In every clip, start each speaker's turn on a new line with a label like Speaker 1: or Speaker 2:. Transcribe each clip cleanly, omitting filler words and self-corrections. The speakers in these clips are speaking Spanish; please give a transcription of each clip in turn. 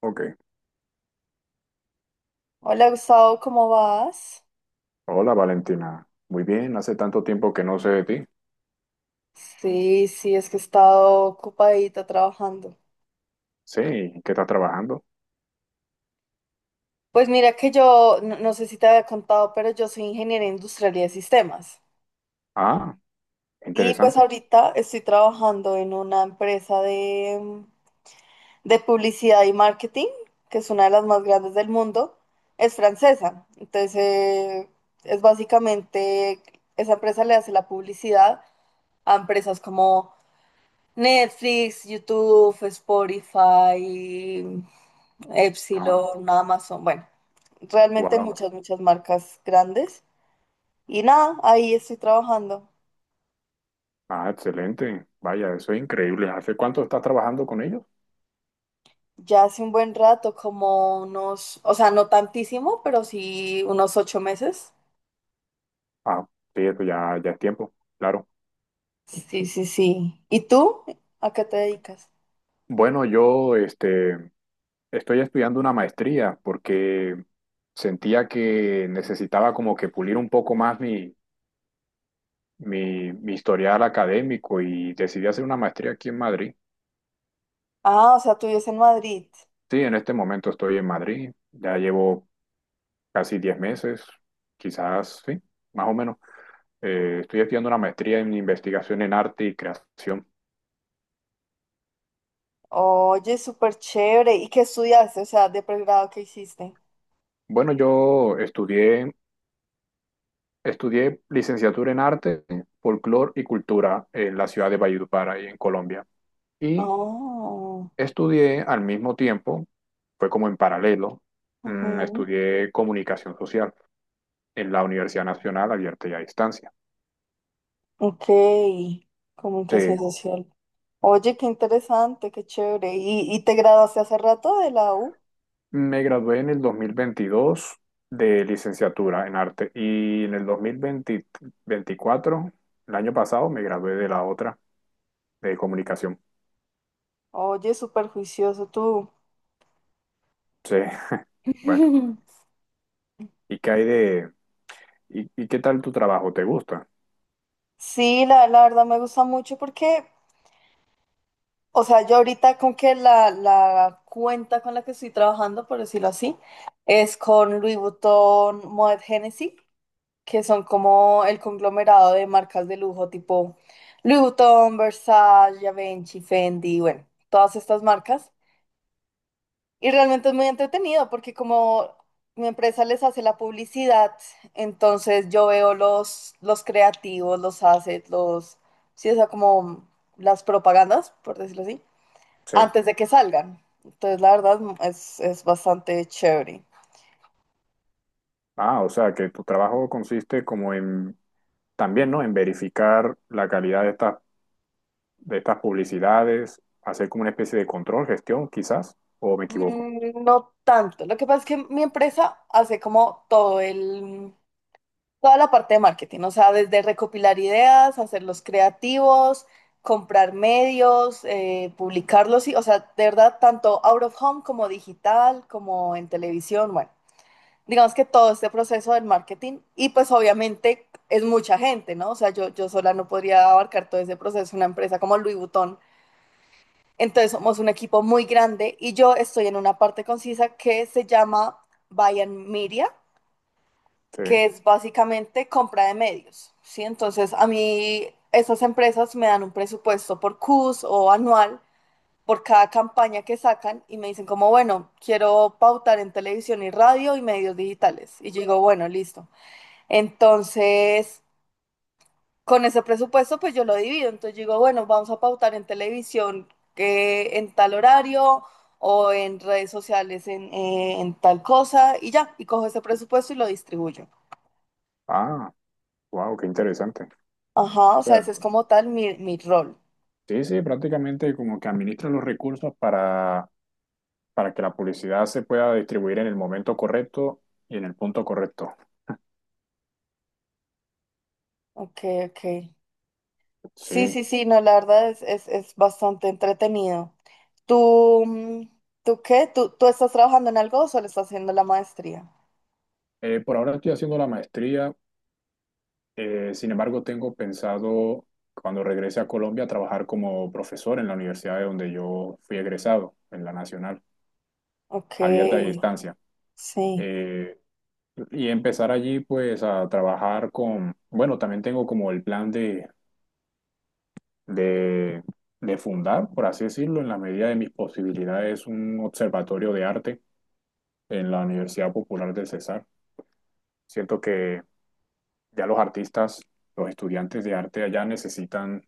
Speaker 1: Ok.
Speaker 2: Hola Gustavo, ¿cómo vas?
Speaker 1: Hola Valentina. Muy bien, hace tanto tiempo que no sé de ti.
Speaker 2: Sí, sí, es que he estado ocupadita trabajando.
Speaker 1: Sí, ¿qué estás trabajando?
Speaker 2: Pues mira que yo, no, no sé si te había contado, pero yo soy ingeniera industrial y de sistemas.
Speaker 1: Ah,
Speaker 2: Y pues
Speaker 1: interesante.
Speaker 2: ahorita estoy trabajando en una empresa de publicidad y marketing, que es una de las más grandes del mundo. Es francesa, entonces es básicamente, esa empresa le hace la publicidad a empresas como Netflix, YouTube, Spotify,
Speaker 1: Ah,
Speaker 2: Epsilon, Amazon, bueno, realmente
Speaker 1: wow.
Speaker 2: muchas, muchas marcas grandes. Y nada, ahí estoy trabajando.
Speaker 1: Ah, excelente. Vaya, eso es increíble. ¿Hace cuánto estás trabajando con ellos?
Speaker 2: Ya hace un buen rato, como unos, o sea, no tantísimo, pero sí unos 8 meses.
Speaker 1: Ah, sí, eso ya, ya es tiempo, claro.
Speaker 2: Sí, sí, sí. ¿Y tú? ¿A qué te dedicas?
Speaker 1: Bueno, yo estoy estudiando una maestría porque sentía que necesitaba como que pulir un poco más mi, mi historial académico y decidí hacer una maestría aquí en Madrid.
Speaker 2: Ah, o sea, tú vives en Madrid.
Speaker 1: Sí, en este momento estoy en Madrid, ya llevo casi 10 meses, quizás, sí, más o menos. Estoy estudiando una maestría en investigación en arte y creación.
Speaker 2: Oye, súper chévere. ¿Y qué estudiaste? O sea, de pregrado, ¿qué hiciste?
Speaker 1: Bueno, yo estudié, estudié licenciatura en arte, folclore y cultura en la ciudad de Valledupar, ahí en Colombia. Y
Speaker 2: Oh,
Speaker 1: estudié al mismo tiempo, fue como en paralelo,
Speaker 2: ujú.
Speaker 1: estudié comunicación social en la Universidad Nacional Abierta y a Distancia.
Speaker 2: Ok,
Speaker 1: Sí.
Speaker 2: comunicación social. Oye, qué interesante, qué chévere. ¿Y te graduaste hace rato de la U?
Speaker 1: Me gradué en el 2022 de licenciatura en arte y en el 2024, el año pasado, me gradué de la otra, de comunicación.
Speaker 2: Oye, súper juicioso tú.
Speaker 1: Sí, bueno. ¿Y qué hay de... ¿Y, y qué tal tu trabajo? ¿Te gusta?
Speaker 2: Sí, la verdad me gusta mucho porque, o sea, yo ahorita con que la cuenta con la que estoy trabajando, por decirlo así, es con Louis Vuitton, Moët Hennessy, que son como el conglomerado de marcas de lujo tipo Louis Vuitton, Versace, Givenchy, Fendi, bueno, todas estas marcas. Y realmente es muy entretenido porque como mi empresa les hace la publicidad, entonces yo veo los creativos, los assets, sí, o sea, como las propagandas, por decirlo así,
Speaker 1: Sí.
Speaker 2: antes de que salgan. Entonces, la verdad es bastante chévere.
Speaker 1: Ah, o sea, que tu trabajo consiste como en... También, ¿no? En verificar la calidad de estas publicidades, hacer como una especie de control, gestión, quizás, o me equivoco.
Speaker 2: No tanto. Lo que pasa es que mi empresa hace como toda la parte de marketing, o sea, desde recopilar ideas, hacerlos creativos, comprar medios, publicarlos, y, o sea, de verdad, tanto out of home como digital, como en televisión, bueno, digamos que todo este proceso del marketing y pues obviamente es mucha gente, ¿no? O sea, yo sola no podría abarcar todo ese proceso, una empresa como Louis Vuitton. Entonces somos un equipo muy grande y yo estoy en una parte concisa que se llama Buy and Media,
Speaker 1: Sí.
Speaker 2: que es básicamente compra de medios, ¿sí? Entonces, a mí esas empresas me dan un presupuesto por CUS o anual por cada campaña que sacan y me dicen como, bueno, quiero pautar en televisión y radio y medios digitales. Y yo digo, bueno, listo. Entonces, con ese presupuesto, pues yo lo divido. Entonces yo digo, bueno, vamos a pautar en televisión en tal horario o en redes sociales en tal cosa y ya, y cojo ese presupuesto y lo distribuyo.
Speaker 1: Ah, wow, qué interesante.
Speaker 2: Ajá,
Speaker 1: O
Speaker 2: o sea,
Speaker 1: sea.
Speaker 2: ese es como tal mi rol.
Speaker 1: Sí, sí, prácticamente como que administra los recursos para que la publicidad se pueda distribuir en el momento correcto y en el punto correcto.
Speaker 2: Ok, ok. Sí,
Speaker 1: Sí.
Speaker 2: sí, sí, no, la verdad es bastante entretenido. ¿Tú, mm, tú qué? ¿Tú estás trabajando en algo o solo estás haciendo la maestría?
Speaker 1: Por ahora estoy haciendo la maestría, sin embargo tengo pensado cuando regrese a Colombia trabajar como profesor en la universidad de donde yo fui egresado, en la Nacional,
Speaker 2: Ok,
Speaker 1: abierta y a distancia.
Speaker 2: sí.
Speaker 1: Eh, y empezar allí pues a trabajar con, bueno, también tengo como el plan de de, de fundar, por así decirlo, en la medida de mis posibilidades, un observatorio de arte en la Universidad Popular del Cesar. Siento que ya los artistas, los estudiantes de arte allá necesitan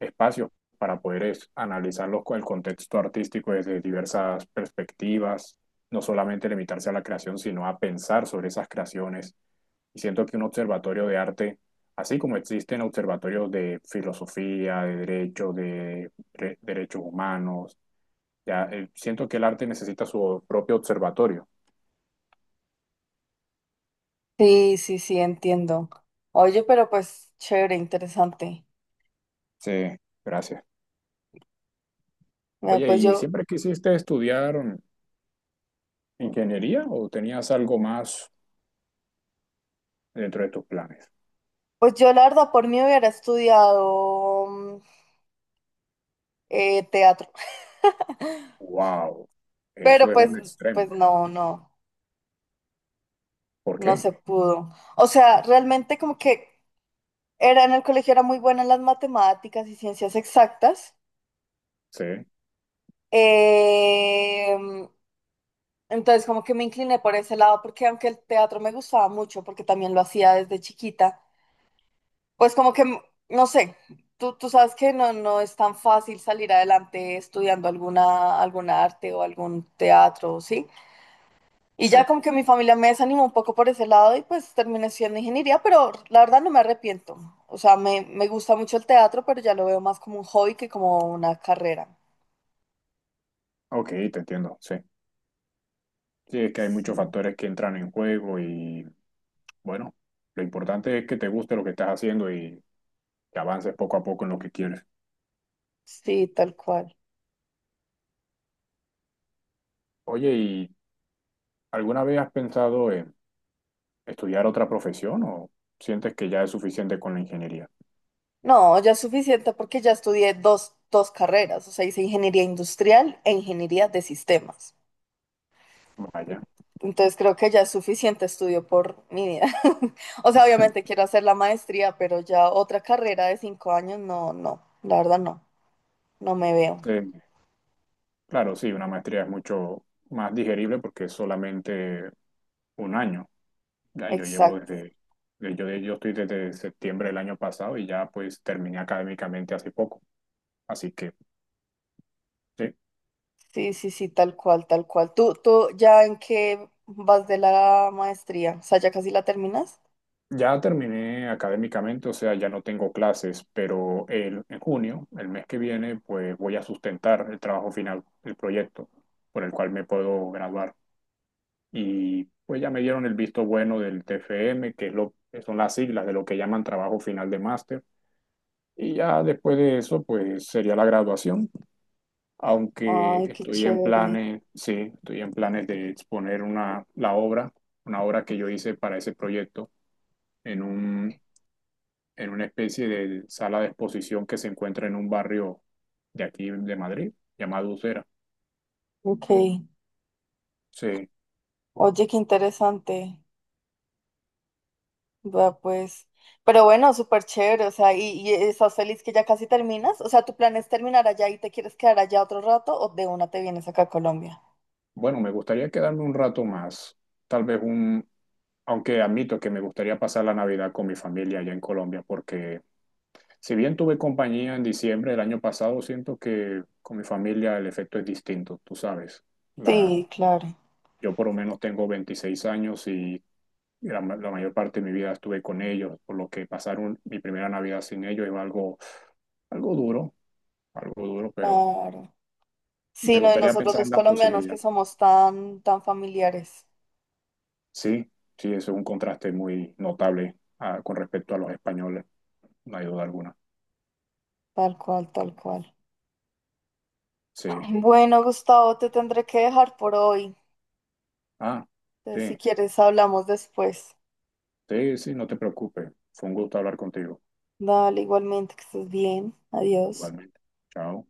Speaker 1: espacios para poder analizar el contexto artístico desde diversas perspectivas, no solamente limitarse a la creación, sino a pensar sobre esas creaciones, y siento que un observatorio de arte, así como existen observatorios de filosofía, de derecho, de derechos humanos, ya, siento que el arte necesita su propio observatorio.
Speaker 2: Sí, sí, sí, entiendo. Oye, pero pues chévere, interesante.
Speaker 1: Sí, gracias.
Speaker 2: Mira,
Speaker 1: Oye, ¿y siempre quisiste estudiar ingeniería o tenías algo más dentro de tus planes?
Speaker 2: pues yo la verdad por mí hubiera estudiado teatro,
Speaker 1: Wow,
Speaker 2: pero
Speaker 1: eso es
Speaker 2: pues,
Speaker 1: un extremo.
Speaker 2: pues no,
Speaker 1: ¿Por
Speaker 2: no
Speaker 1: qué?
Speaker 2: se pudo. O sea, realmente como que era en el colegio, era muy buena en las matemáticas y ciencias exactas.
Speaker 1: Sí,
Speaker 2: Em, entonces, como que me incliné por ese lado, porque aunque el teatro me gustaba mucho, porque también lo hacía desde chiquita, pues como que, no sé, tú sabes que no, no es tan fácil salir adelante estudiando alguna arte o algún teatro, ¿sí? Y
Speaker 1: sí.
Speaker 2: ya como que mi familia me desanimó un poco por ese lado y pues terminé estudiando ingeniería, pero la verdad no me arrepiento. O sea, me gusta mucho el teatro, pero ya lo veo más como un hobby que como una carrera.
Speaker 1: Ok, te entiendo, sí. Sí, es que hay muchos
Speaker 2: Sí.
Speaker 1: factores que entran en juego y bueno, lo importante es que te guste lo que estás haciendo y que avances poco a poco en lo que quieres.
Speaker 2: Sí, tal cual.
Speaker 1: Oye, ¿y alguna vez has pensado en estudiar otra profesión o sientes que ya es suficiente con la ingeniería?
Speaker 2: No, ya es suficiente porque ya estudié dos carreras, o sea, hice ingeniería industrial e ingeniería de sistemas.
Speaker 1: Vaya.
Speaker 2: Entonces creo que ya es suficiente estudio por mi vida. O sea, obviamente quiero hacer la maestría, pero ya otra carrera de 5 años, no, no, la verdad no, no me veo.
Speaker 1: Eh, claro, sí, una maestría es mucho más digerible porque es solamente un año. Ya yo llevo
Speaker 2: Exacto.
Speaker 1: desde, yo estoy desde septiembre del año pasado y ya pues terminé académicamente hace poco. Así que sí.
Speaker 2: Sí, sí, sí, tal cual, tal cual. ¿Tú ya en qué vas de la maestría? O sea, ¿ya casi la terminas?
Speaker 1: Ya terminé académicamente, o sea, ya no tengo clases, pero el, en junio, el mes que viene, pues voy a sustentar el trabajo final, el proyecto por el cual me puedo graduar. Y pues ya me dieron el visto bueno del TFM, que es lo, que son las siglas de lo que llaman trabajo final de máster. Y ya después de eso, pues sería la graduación, aunque
Speaker 2: Ay, qué
Speaker 1: estoy en
Speaker 2: chévere.
Speaker 1: planes, sí, estoy en planes de exponer una, la obra, una obra que yo hice para ese proyecto en un en una especie de sala de exposición que se encuentra en un barrio de aquí de Madrid, llamado Ucera.
Speaker 2: Ok.
Speaker 1: Sí,
Speaker 2: Oye, qué interesante. Va, pues. Pero bueno, súper chévere. O sea, ¿y estás feliz que ya casi terminas? O sea, ¿tu plan es terminar allá y te quieres quedar allá otro rato o de una te vienes acá a Colombia?
Speaker 1: bueno, me gustaría quedarme un rato más, tal vez un, aunque admito que me gustaría pasar la Navidad con mi familia allá en Colombia, porque si bien tuve compañía en diciembre del año pasado, siento que con mi familia el efecto es distinto, tú sabes. La,
Speaker 2: Sí, claro,
Speaker 1: yo por lo menos tengo 26 años y la, la mayor parte de mi vida estuve con ellos, por lo que pasar mi primera Navidad sin ellos es algo, algo duro, algo duro, pero
Speaker 2: claro. Sí,
Speaker 1: me
Speaker 2: no, y
Speaker 1: gustaría
Speaker 2: nosotros
Speaker 1: pensar
Speaker 2: los
Speaker 1: en la
Speaker 2: colombianos que
Speaker 1: posibilidad.
Speaker 2: somos tan, tan familiares.
Speaker 1: Sí, sí, eso es un contraste muy notable con respecto a los españoles, no hay duda alguna.
Speaker 2: Tal cual, tal cual.
Speaker 1: Sí,
Speaker 2: Bueno, Gustavo, te tendré que dejar por hoy.
Speaker 1: ah,
Speaker 2: Entonces, si
Speaker 1: sí,
Speaker 2: quieres, hablamos después.
Speaker 1: sí, sí, no te preocupes. Fue un gusto hablar contigo,
Speaker 2: Dale, igualmente, que estés bien. Adiós.
Speaker 1: igualmente. Chao.